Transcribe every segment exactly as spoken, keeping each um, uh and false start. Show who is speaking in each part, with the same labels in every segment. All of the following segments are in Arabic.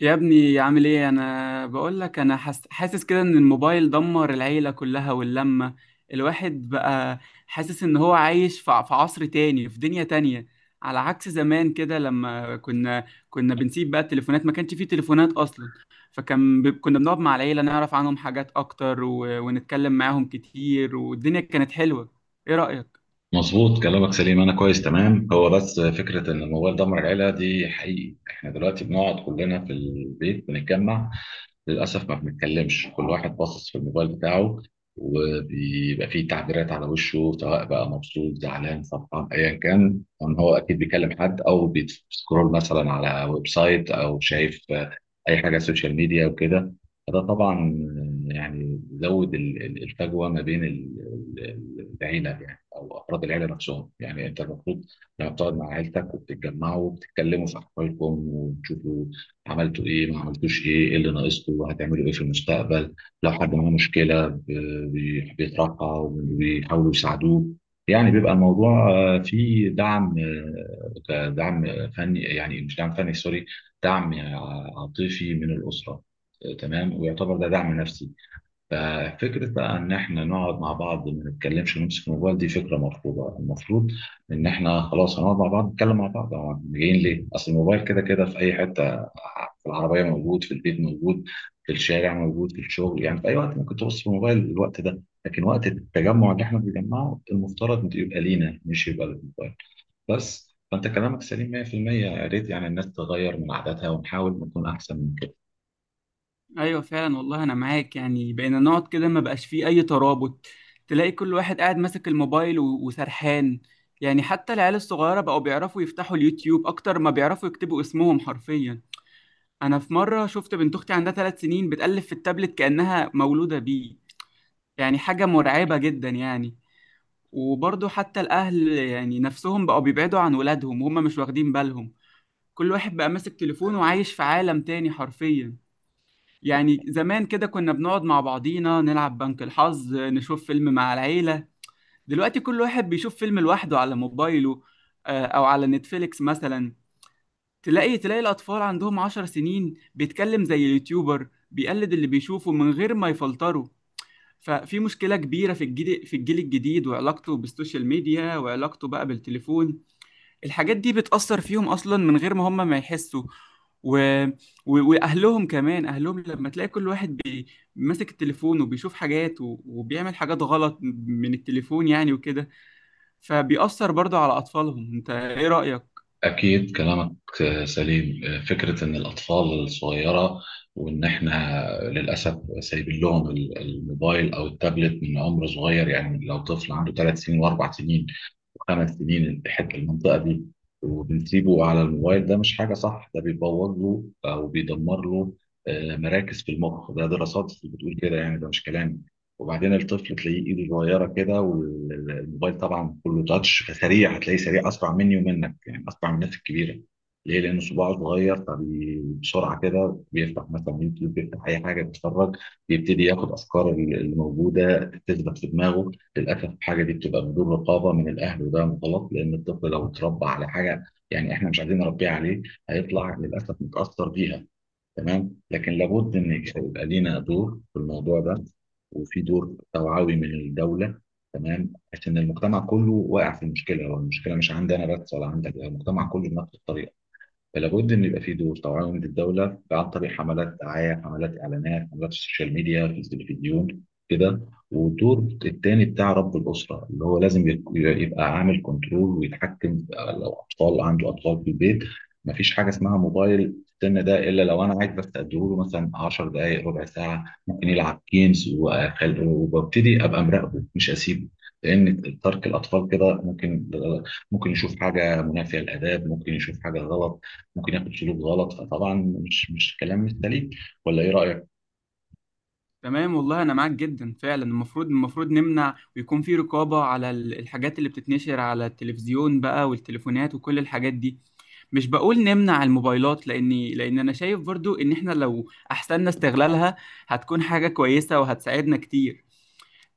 Speaker 1: يا ابني عامل ايه؟ انا بقول لك انا حس... حاسس كده ان الموبايل دمر العيلة كلها واللمة. الواحد بقى حاسس ان هو عايش في ع- في عصر تاني في دنيا تانية، على عكس زمان كده لما كنا كنا بنسيب بقى التليفونات. ما كانش فيه تليفونات اصلا، فكان ب... كنا بنقعد مع العيلة نعرف عنهم حاجات اكتر و... ونتكلم معاهم كتير، والدنيا كانت حلوة. ايه رأيك؟
Speaker 2: مظبوط، كلامك سليم. انا كويس تمام. هو بس فكره ان الموبايل دمر العيله دي حقيقي. احنا دلوقتي بنقعد كلنا في البيت بنتجمع، للأسف ما بنتكلمش، كل واحد باصص في الموبايل بتاعه. وبيبقى فيه تعبيرات على وشه، سواء بقى مبسوط زعلان فرحان أيا كان، ان هو أكيد بيكلم حد أو بيسكرول مثلا على ويب سايت أو شايف آه، أي حاجة على السوشيال ميديا وكده. فده طبعا يعني زود ال- ال- الفجوة ما بين ال- ال- ال- العيلة، يعني أو أفراد العيلة نفسهم. يعني أنت المفروض لما بتقعد مع عيلتك وبتتجمعوا وبتتكلموا في أحوالكم وتشوفوا عملتوا ايه، ما عملتوش ايه، ايه اللي ناقصكم، هتعملوا ايه في المستقبل. لو حد معاه مشكله ب- بي- بيطرحها وبيحاولوا يساعدوه، يعني بيبقى الموضوع آه، فيه دعم. آه، دعم فني، يعني مش دعم فني، سوري، دعم عاطفي من الاسره. آه، تمام، ويعتبر ده دعم نفسي. ففكرة بقى إن إحنا نقعد مع بعض ما نتكلمش ونمسك الموبايل دي فكرة مرفوضة، المفروض إن إحنا خلاص هنقعد مع بعض نتكلم مع بعض، هو إحنا جايين ليه؟ أصل الموبايل كده كده في أي حتة، في العربية موجود، في البيت موجود، في الشارع موجود، في الشغل، يعني في أي وقت ممكن تبص في الموبايل الوقت ده، لكن وقت التجمع اللي إحنا بنجمعه المفترض يبقى لينا مش يبقى للموبايل. بس فأنت كلامك سليم مية في المية. يا ريت يعني الناس تغير من عاداتها ونحاول نكون أحسن.
Speaker 1: ايوه فعلا، والله انا معاك. يعني بقينا نقعد كده ما بقاش فيه اي ترابط، تلاقي كل واحد قاعد ماسك الموبايل و- وسرحان. يعني حتى العيال الصغيره بقوا بيعرفوا يفتحوا اليوتيوب اكتر ما بيعرفوا يكتبوا اسمهم حرفيا. انا في مره شفت بنت اختي عندها ثلاث سنين بتقلب في التابلت كانها مولوده بيه، يعني حاجه مرعبه جدا يعني. وبرضه حتى الاهل يعني نفسهم بقوا بيبعدوا عن ولادهم وهم مش واخدين بالهم. كل واحد بقى ماسك تليفونه وعايش في عالم تاني حرفيا. يعني زمان كده كنا بنقعد مع بعضينا نلعب بنك الحظ، نشوف فيلم مع العيلة. دلوقتي كل واحد بيشوف فيلم لوحده على موبايله، آه، أو على نتفليكس مثلا. تلاقي تلاقي الأطفال عندهم عشر سنين بيتكلم زي اليوتيوبر، بيقلد اللي بيشوفه من غير ما يفلتره. ففي مشكلة كبيرة في الجيل في الجيل الجديد وعلاقته بالسوشيال ميديا وعلاقته بقى بالتليفون. الحاجات دي بتأثر فيهم أصلا من غير ما هم ما يحسوا. و... و... وأهلهم كمان، أهلهم لما تلاقي كل واحد ماسك التليفون وبيشوف حاجات و- وبيعمل حاجات غلط من التليفون يعني وكده، فبيأثر برضه على أطفالهم. أنت إيه رأيك؟
Speaker 2: أكيد كلامك سليم. فكرة إن الأطفال الصغيرة وإن إحنا للأسف سايبين لهم الموبايل أو التابلت من عمر صغير، يعني لو طفل عنده ثلاث سنين وأربع سنين خمس سنين الاتحاد المنطقة دي وبنسيبه على الموبايل، ده مش حاجة صح. ده بيبوظ له أو بيدمر له آه، مراكز في المخ، ده دراسات بتقول كده، يعني ده مش كلامي. وبعدين الطفل تلاقيه ايده صغيرة كده، والموبايل طبعا كله تاتش، فسريع هتلاقيه سريع أسرع مني ومنك، يعني أسرع من الناس الكبيرة. ليه؟ لأن صباعه صغير، فبسرعة كده بيفتح مثلا يوتيوب، بيفتح أي حاجة بيتفرج، بيبتدي ياخد أفكار اللي موجودة تثبت في دماغه. للاسف الحاجه دي بتبقى بدون رقابه من الاهل، وده غلط، لان الطفل لو اتربى على حاجه يعني احنا مش عايزين نربيه عليه، هيطلع للاسف متاثر بيها. تمام. لكن لابد ان يبقى لينا دور في الموضوع ده، وفي دور توعوي من الدوله. تمام، عشان المجتمع كله واقع في المشكله، والمشكله مش عندي انا بس ولا عندك، المجتمع كله بنفس الطريقه. فلا بد ان يبقى في دور توعيه من الدوله، عن طريق حملات دعايه، حملات اعلانات، حملات السوشيال ميديا في التلفزيون، كده. والدور التاني بتاع رب الاسره، اللي هو لازم يك- يبقى عامل كنترول ويتحكم في- لو اطفال عنده اطفال في البيت، مفيش حاجه اسمها موبايل في السن ده، الا لو انا عايز بس اديله مثلا عشرة دقائق دقائق ربع ساعه ممكن يلعب جيمز، وأخل- وببتدي ابقى مراقبه مش اسيبه. لان ترك الاطفال كده ممكن ممكن يشوف حاجه منافيه للاداب، ممكن يشوف حاجه غلط، ممكن ياخد سلوك غلط، فطبعا مش مش كلام مش سليم، ولا ايه رأيك؟
Speaker 1: تمام والله أنا معاك جدا. فعلا المفروض المفروض نمنع ويكون في رقابة على ال- الحاجات اللي بتتنشر على التلفزيون بقى والتليفونات وكل الحاجات دي. مش بقول نمنع الموبايلات، لأني لأن أنا شايف برضه إن إحنا لو أحسننا استغلالها هتكون حاجة كويسة وهتساعدنا كتير.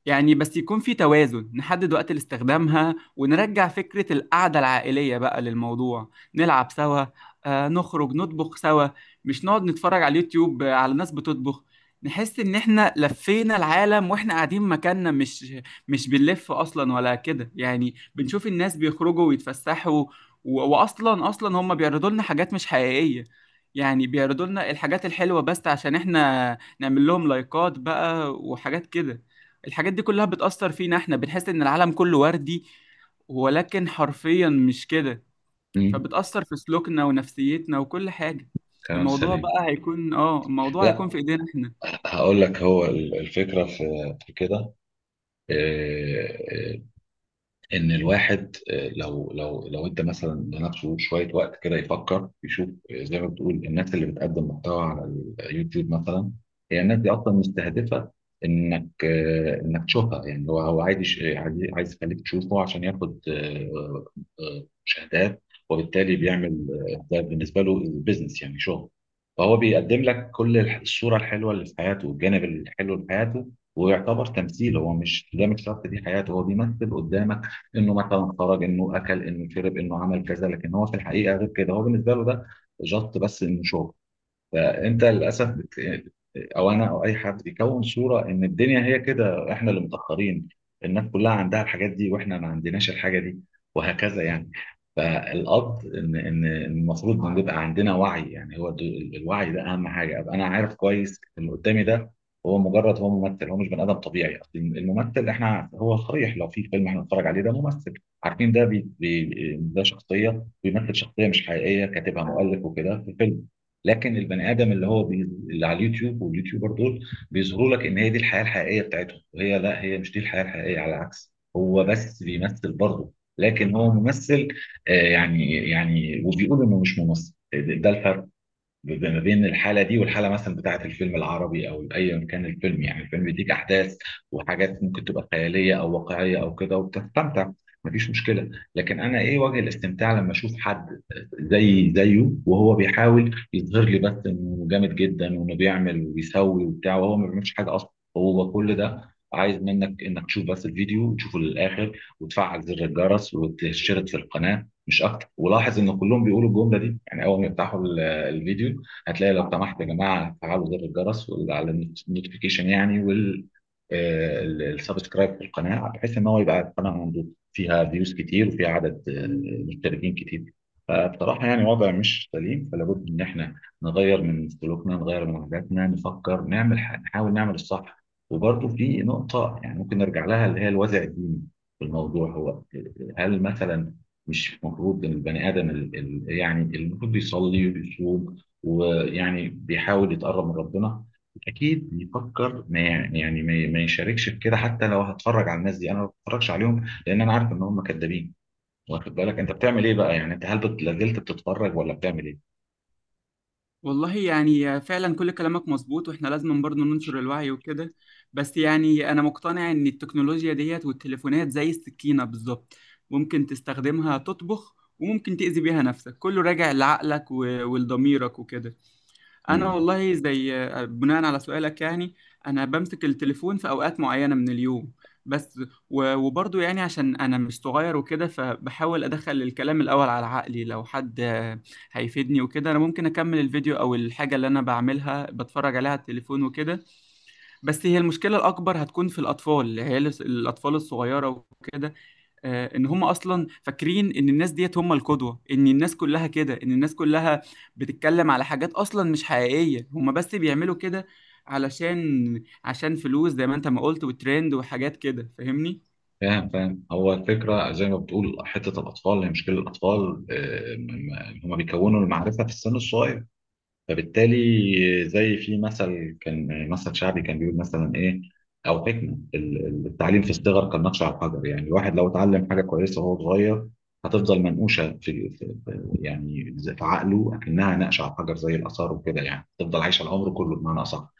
Speaker 1: يعني بس يكون في توازن، نحدد وقت لاستخدامها ونرجع فكرة القعدة العائلية بقى للموضوع. نلعب سوا، آه، نخرج نطبخ سوا، مش نقعد نتفرج على اليوتيوب، آه، على ناس بتطبخ. نحس ان احنا لفينا العالم واحنا قاعدين مكاننا، مش مش بنلف اصلا ولا كده يعني، بنشوف الناس بيخرجوا ويتفسحوا. و- واصلا، اصلا هم بيعرضوا لنا حاجات مش حقيقية. يعني بيعرضوا لنا الحاجات الحلوة بس عشان احنا نعمل لهم لايكات بقى وحاجات كده. الحاجات دي كلها بتأثر فينا، احنا بنحس ان العالم كله وردي، ولكن حرفيا مش كده.
Speaker 2: مم.
Speaker 1: فبتأثر في سلوكنا ونفسيتنا وكل حاجة.
Speaker 2: كلام
Speaker 1: الموضوع
Speaker 2: سليم.
Speaker 1: بقى هيكون اه الموضوع هيكون
Speaker 2: لا،
Speaker 1: في ايدينا احنا.
Speaker 2: هقول لك هو ال- الفكرة في في كده، آه، آه، ان الواحد آه، لو لو لو ادى مثلا لنفسه شويه وقت كده يفكر يشوف آه، زي ما بتقول الناس اللي بتقدم محتوى على اليوتيوب مثلا. هي الناس دي اصلا مستهدفه انك آه، انك تشوفها، يعني هو هو عايز يش- عايز عايز يخليك تشوفه عشان ياخد آه، آه، مشاهدات. وبالتالي بيعمل آه، ده بالنسبه له بزنس، يعني شغل. فهو بيقدم لك كل الح- الصوره الحلوه اللي في حياته والجانب الحلو في حياته. ويعتبر تمثيل، هو مش، ده مش شرط دي حياته، هو بيمثل قدامك انه مثلا خرج انه اكل انه شرب انه عمل كذا، لكن هو في الحقيقه غير كده، هو بالنسبه له ده جط بس انه شغل. فانت للاسف بت... او انا او اي حد بيكون صوره ان الدنيا هي كده، احنا اللي متاخرين، الناس كلها عندها الحاجات دي واحنا ما عندناش الحاجه دي، وهكذا يعني. فالقصد ان ان المفروض ان يبقى عندنا وعي، يعني هو دو- الوعي ده اهم حاجه. ابقى انا عارف كويس ان اللي قدامي ده هو مجرد، هو ممثل، هو مش بني ادم طبيعي. اصل الممثل احنا هو صريح، لو في فيلم احنا بنتفرج عليه ده ممثل. عارفين ده بي... بي... ده شخصيه بيمثل شخصيه مش حقيقيه كاتبها مؤلف وكده في فيلم. لكن البني ادم اللي هو بي... اللي على اليوتيوب واليوتيوبر دول، بيظهروا لك ان هي دي الحياه الحقيقيه بتاعتهم، وهي لا، هي مش دي الحياه الحقيقيه، على العكس هو بس بيمثل برضه، لكن هو ممثل، آه، يعني يعني وبيقول انه مش ممثل. ده الفرق ما بين الحاله دي والحاله مثلا بتاعه الفيلم العربي او ايا كان الفيلم، يعني الفيلم بيديك احداث وحاجات ممكن تبقى خياليه او واقعيه او كده وبتستمتع، مفيش مشكله. لكن انا ايه وجه الاستمتاع لما اشوف حد زي زيه، وهو بيحاول يظهر لي بس انه جامد جدا وانه بيعمل وبيسوي وبتاع وهو ما بيعملش حاجه اصلا. هو كل ده عايز منك انك تشوف بس الفيديو وتشوفه للاخر وتفعل زر الجرس وتشترك في القناه مش اكتر. ولاحظ ان كلهم بيقولوا الجمله دي، يعني اول ما يفتحوا ال- الفيديو، هتلاقي لو سمحت يا جماعه فعلوا زر الجرس وال- على النوتيفيكيشن يعني، والسبسكرايب في القناه، بحيث ان هو يبقى القناه عنده فيها فيوز كتير وفيها عدد آه، مشتركين كتير. فبصراحه يعني وضع مش سليم، فلا بد ان احنا نغير من سلوكنا نغير من عاداتنا، نفكر نعمل ح- نحاول نعمل الصح. وبرضه في نقطه يعني ممكن نرجع لها اللي هي الوازع الديني في الموضوع. هو هل مثلا مش المفروض ان البني ادم ال- ال- يعني المفروض يصلي ويصوم ويعني بيحاول يتقرب من ربنا، اكيد بيفكر ما يعني ما ما يشاركش في كده، حتى لو هتفرج على الناس دي، انا ما بتفرجش عليهم لان انا عارف ان هم كدابين. واخد بالك انت بتعمل ايه بقى، يعني انت هل بت- لازلت بتتفرج ولا بتعمل ايه؟
Speaker 1: والله يعني فعلا كل كلامك مظبوط، واحنا لازم برضه ننشر الوعي وكده. بس يعني انا مقتنع ان التكنولوجيا ديت والتليفونات زي السكينة بالظبط، ممكن تستخدمها تطبخ وممكن تأذي بيها نفسك، كله راجع لعقلك و- ولضميرك وكده. انا
Speaker 2: مم.
Speaker 1: والله زي آه، بناء على سؤالك يعني انا بمسك التليفون في اوقات معينه من اليوم بس. و- وبرضه يعني عشان انا مش صغير وكده، فبحاول ادخل الكلام الاول على عقلي، لو حد آه، هيفيدني وكده انا ممكن اكمل الفيديو او الحاجه اللي انا بعملها بتفرج عليها على التليفون وكده. بس هي المشكله الاكبر هتكون في الاطفال، اللي هي الس- الاطفال الصغيره وكده. آه، ان هم اصلا فاكرين ان الناس ديت هم القدوه، ان الناس كلها كده، ان الناس كلها بتتكلم على حاجات اصلا مش حقيقيه، هم بس بيعملوا كده علشان، عشان فلوس زي ما انت ما قلت وترند وحاجات كده، فاهمني؟
Speaker 2: فاهم فاهم، هو الفكره زي ما بتقول، حته الاطفال هي مشكله، الاطفال آه، م- م- هم بيكونوا المعرفه في السن الصغير، فبالتالي زي في مثل كان، مثل شعبي كان بيقول مثلا ايه او حكمه، ال- ال- التعليم في الصغر كالنقش على الحجر، يعني الواحد لو اتعلم حاجه كويسه وهو صغير هتفضل منقوشه في في- في- يعني زي- في عقله اكنها نقش على الحجر زي الاثار وكده، يعني تفضل عايشه العمر كله بمعنى اصح.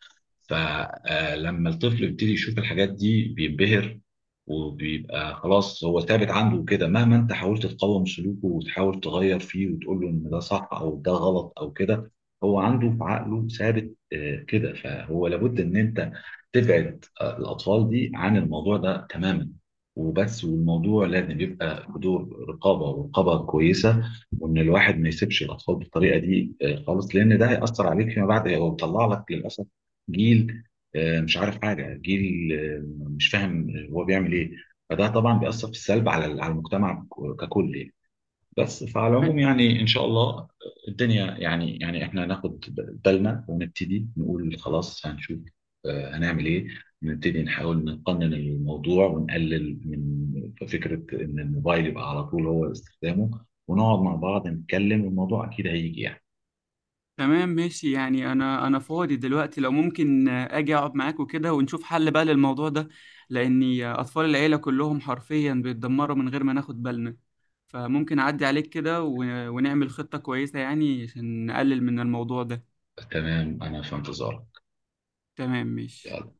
Speaker 2: فلما الطفل يبتدي يشوف الحاجات دي بينبهر، وبيبقى خلاص هو ثابت عنده كده، مهما انت حاولت تقاوم سلوكه وتحاول تغير فيه وتقول له ان ده صح او ده غلط او كده، هو عنده في عقله ثابت آه، كده، فهو لابد ان انت تبعد آه، الاطفال دي عن الموضوع ده تماما وبس. والموضوع لازم يبقى في دور رقابه، ورقابه كويسه، وان الواحد ما يسيبش الاطفال بالطريقه دي آه، خالص، لان ده هياثر عليك فيما بعد، هو بيطلع لك للاسف جيل آه، مش عارف حاجه، جيل آه، مش فاهم هو بيعمل ايه. فده طبعا بيأثر في السلب على على المجتمع ككل يعني. بس فعلى العموم يعني ان شاء الله الدنيا، يعني يعني احنا هناخد بالنا ونبتدي نقول خلاص هنشوف آه، هنعمل ايه، نبتدي نحاول نقنن الموضوع ونقلل من فكرة ان الموبايل يبقى على طول هو استخدامه، ونقعد مع بعض نتكلم، والموضوع اكيد هيجي يعني.
Speaker 1: تمام ماشي. يعني انا انا فاضي دلوقتي، لو ممكن آه، اجي اقعد معاك وكده ونشوف حل بقى للموضوع ده. لاني آه، اطفال العيله كلهم حرفيا بيتدمروا من غير ما ناخد بالنا، فممكن اعدي عليك كده و- ونعمل خطه كويسه يعني عشان نقلل من الموضوع ده.
Speaker 2: تمام، انا في انتظارك.
Speaker 1: تمام ماشي
Speaker 2: يلا.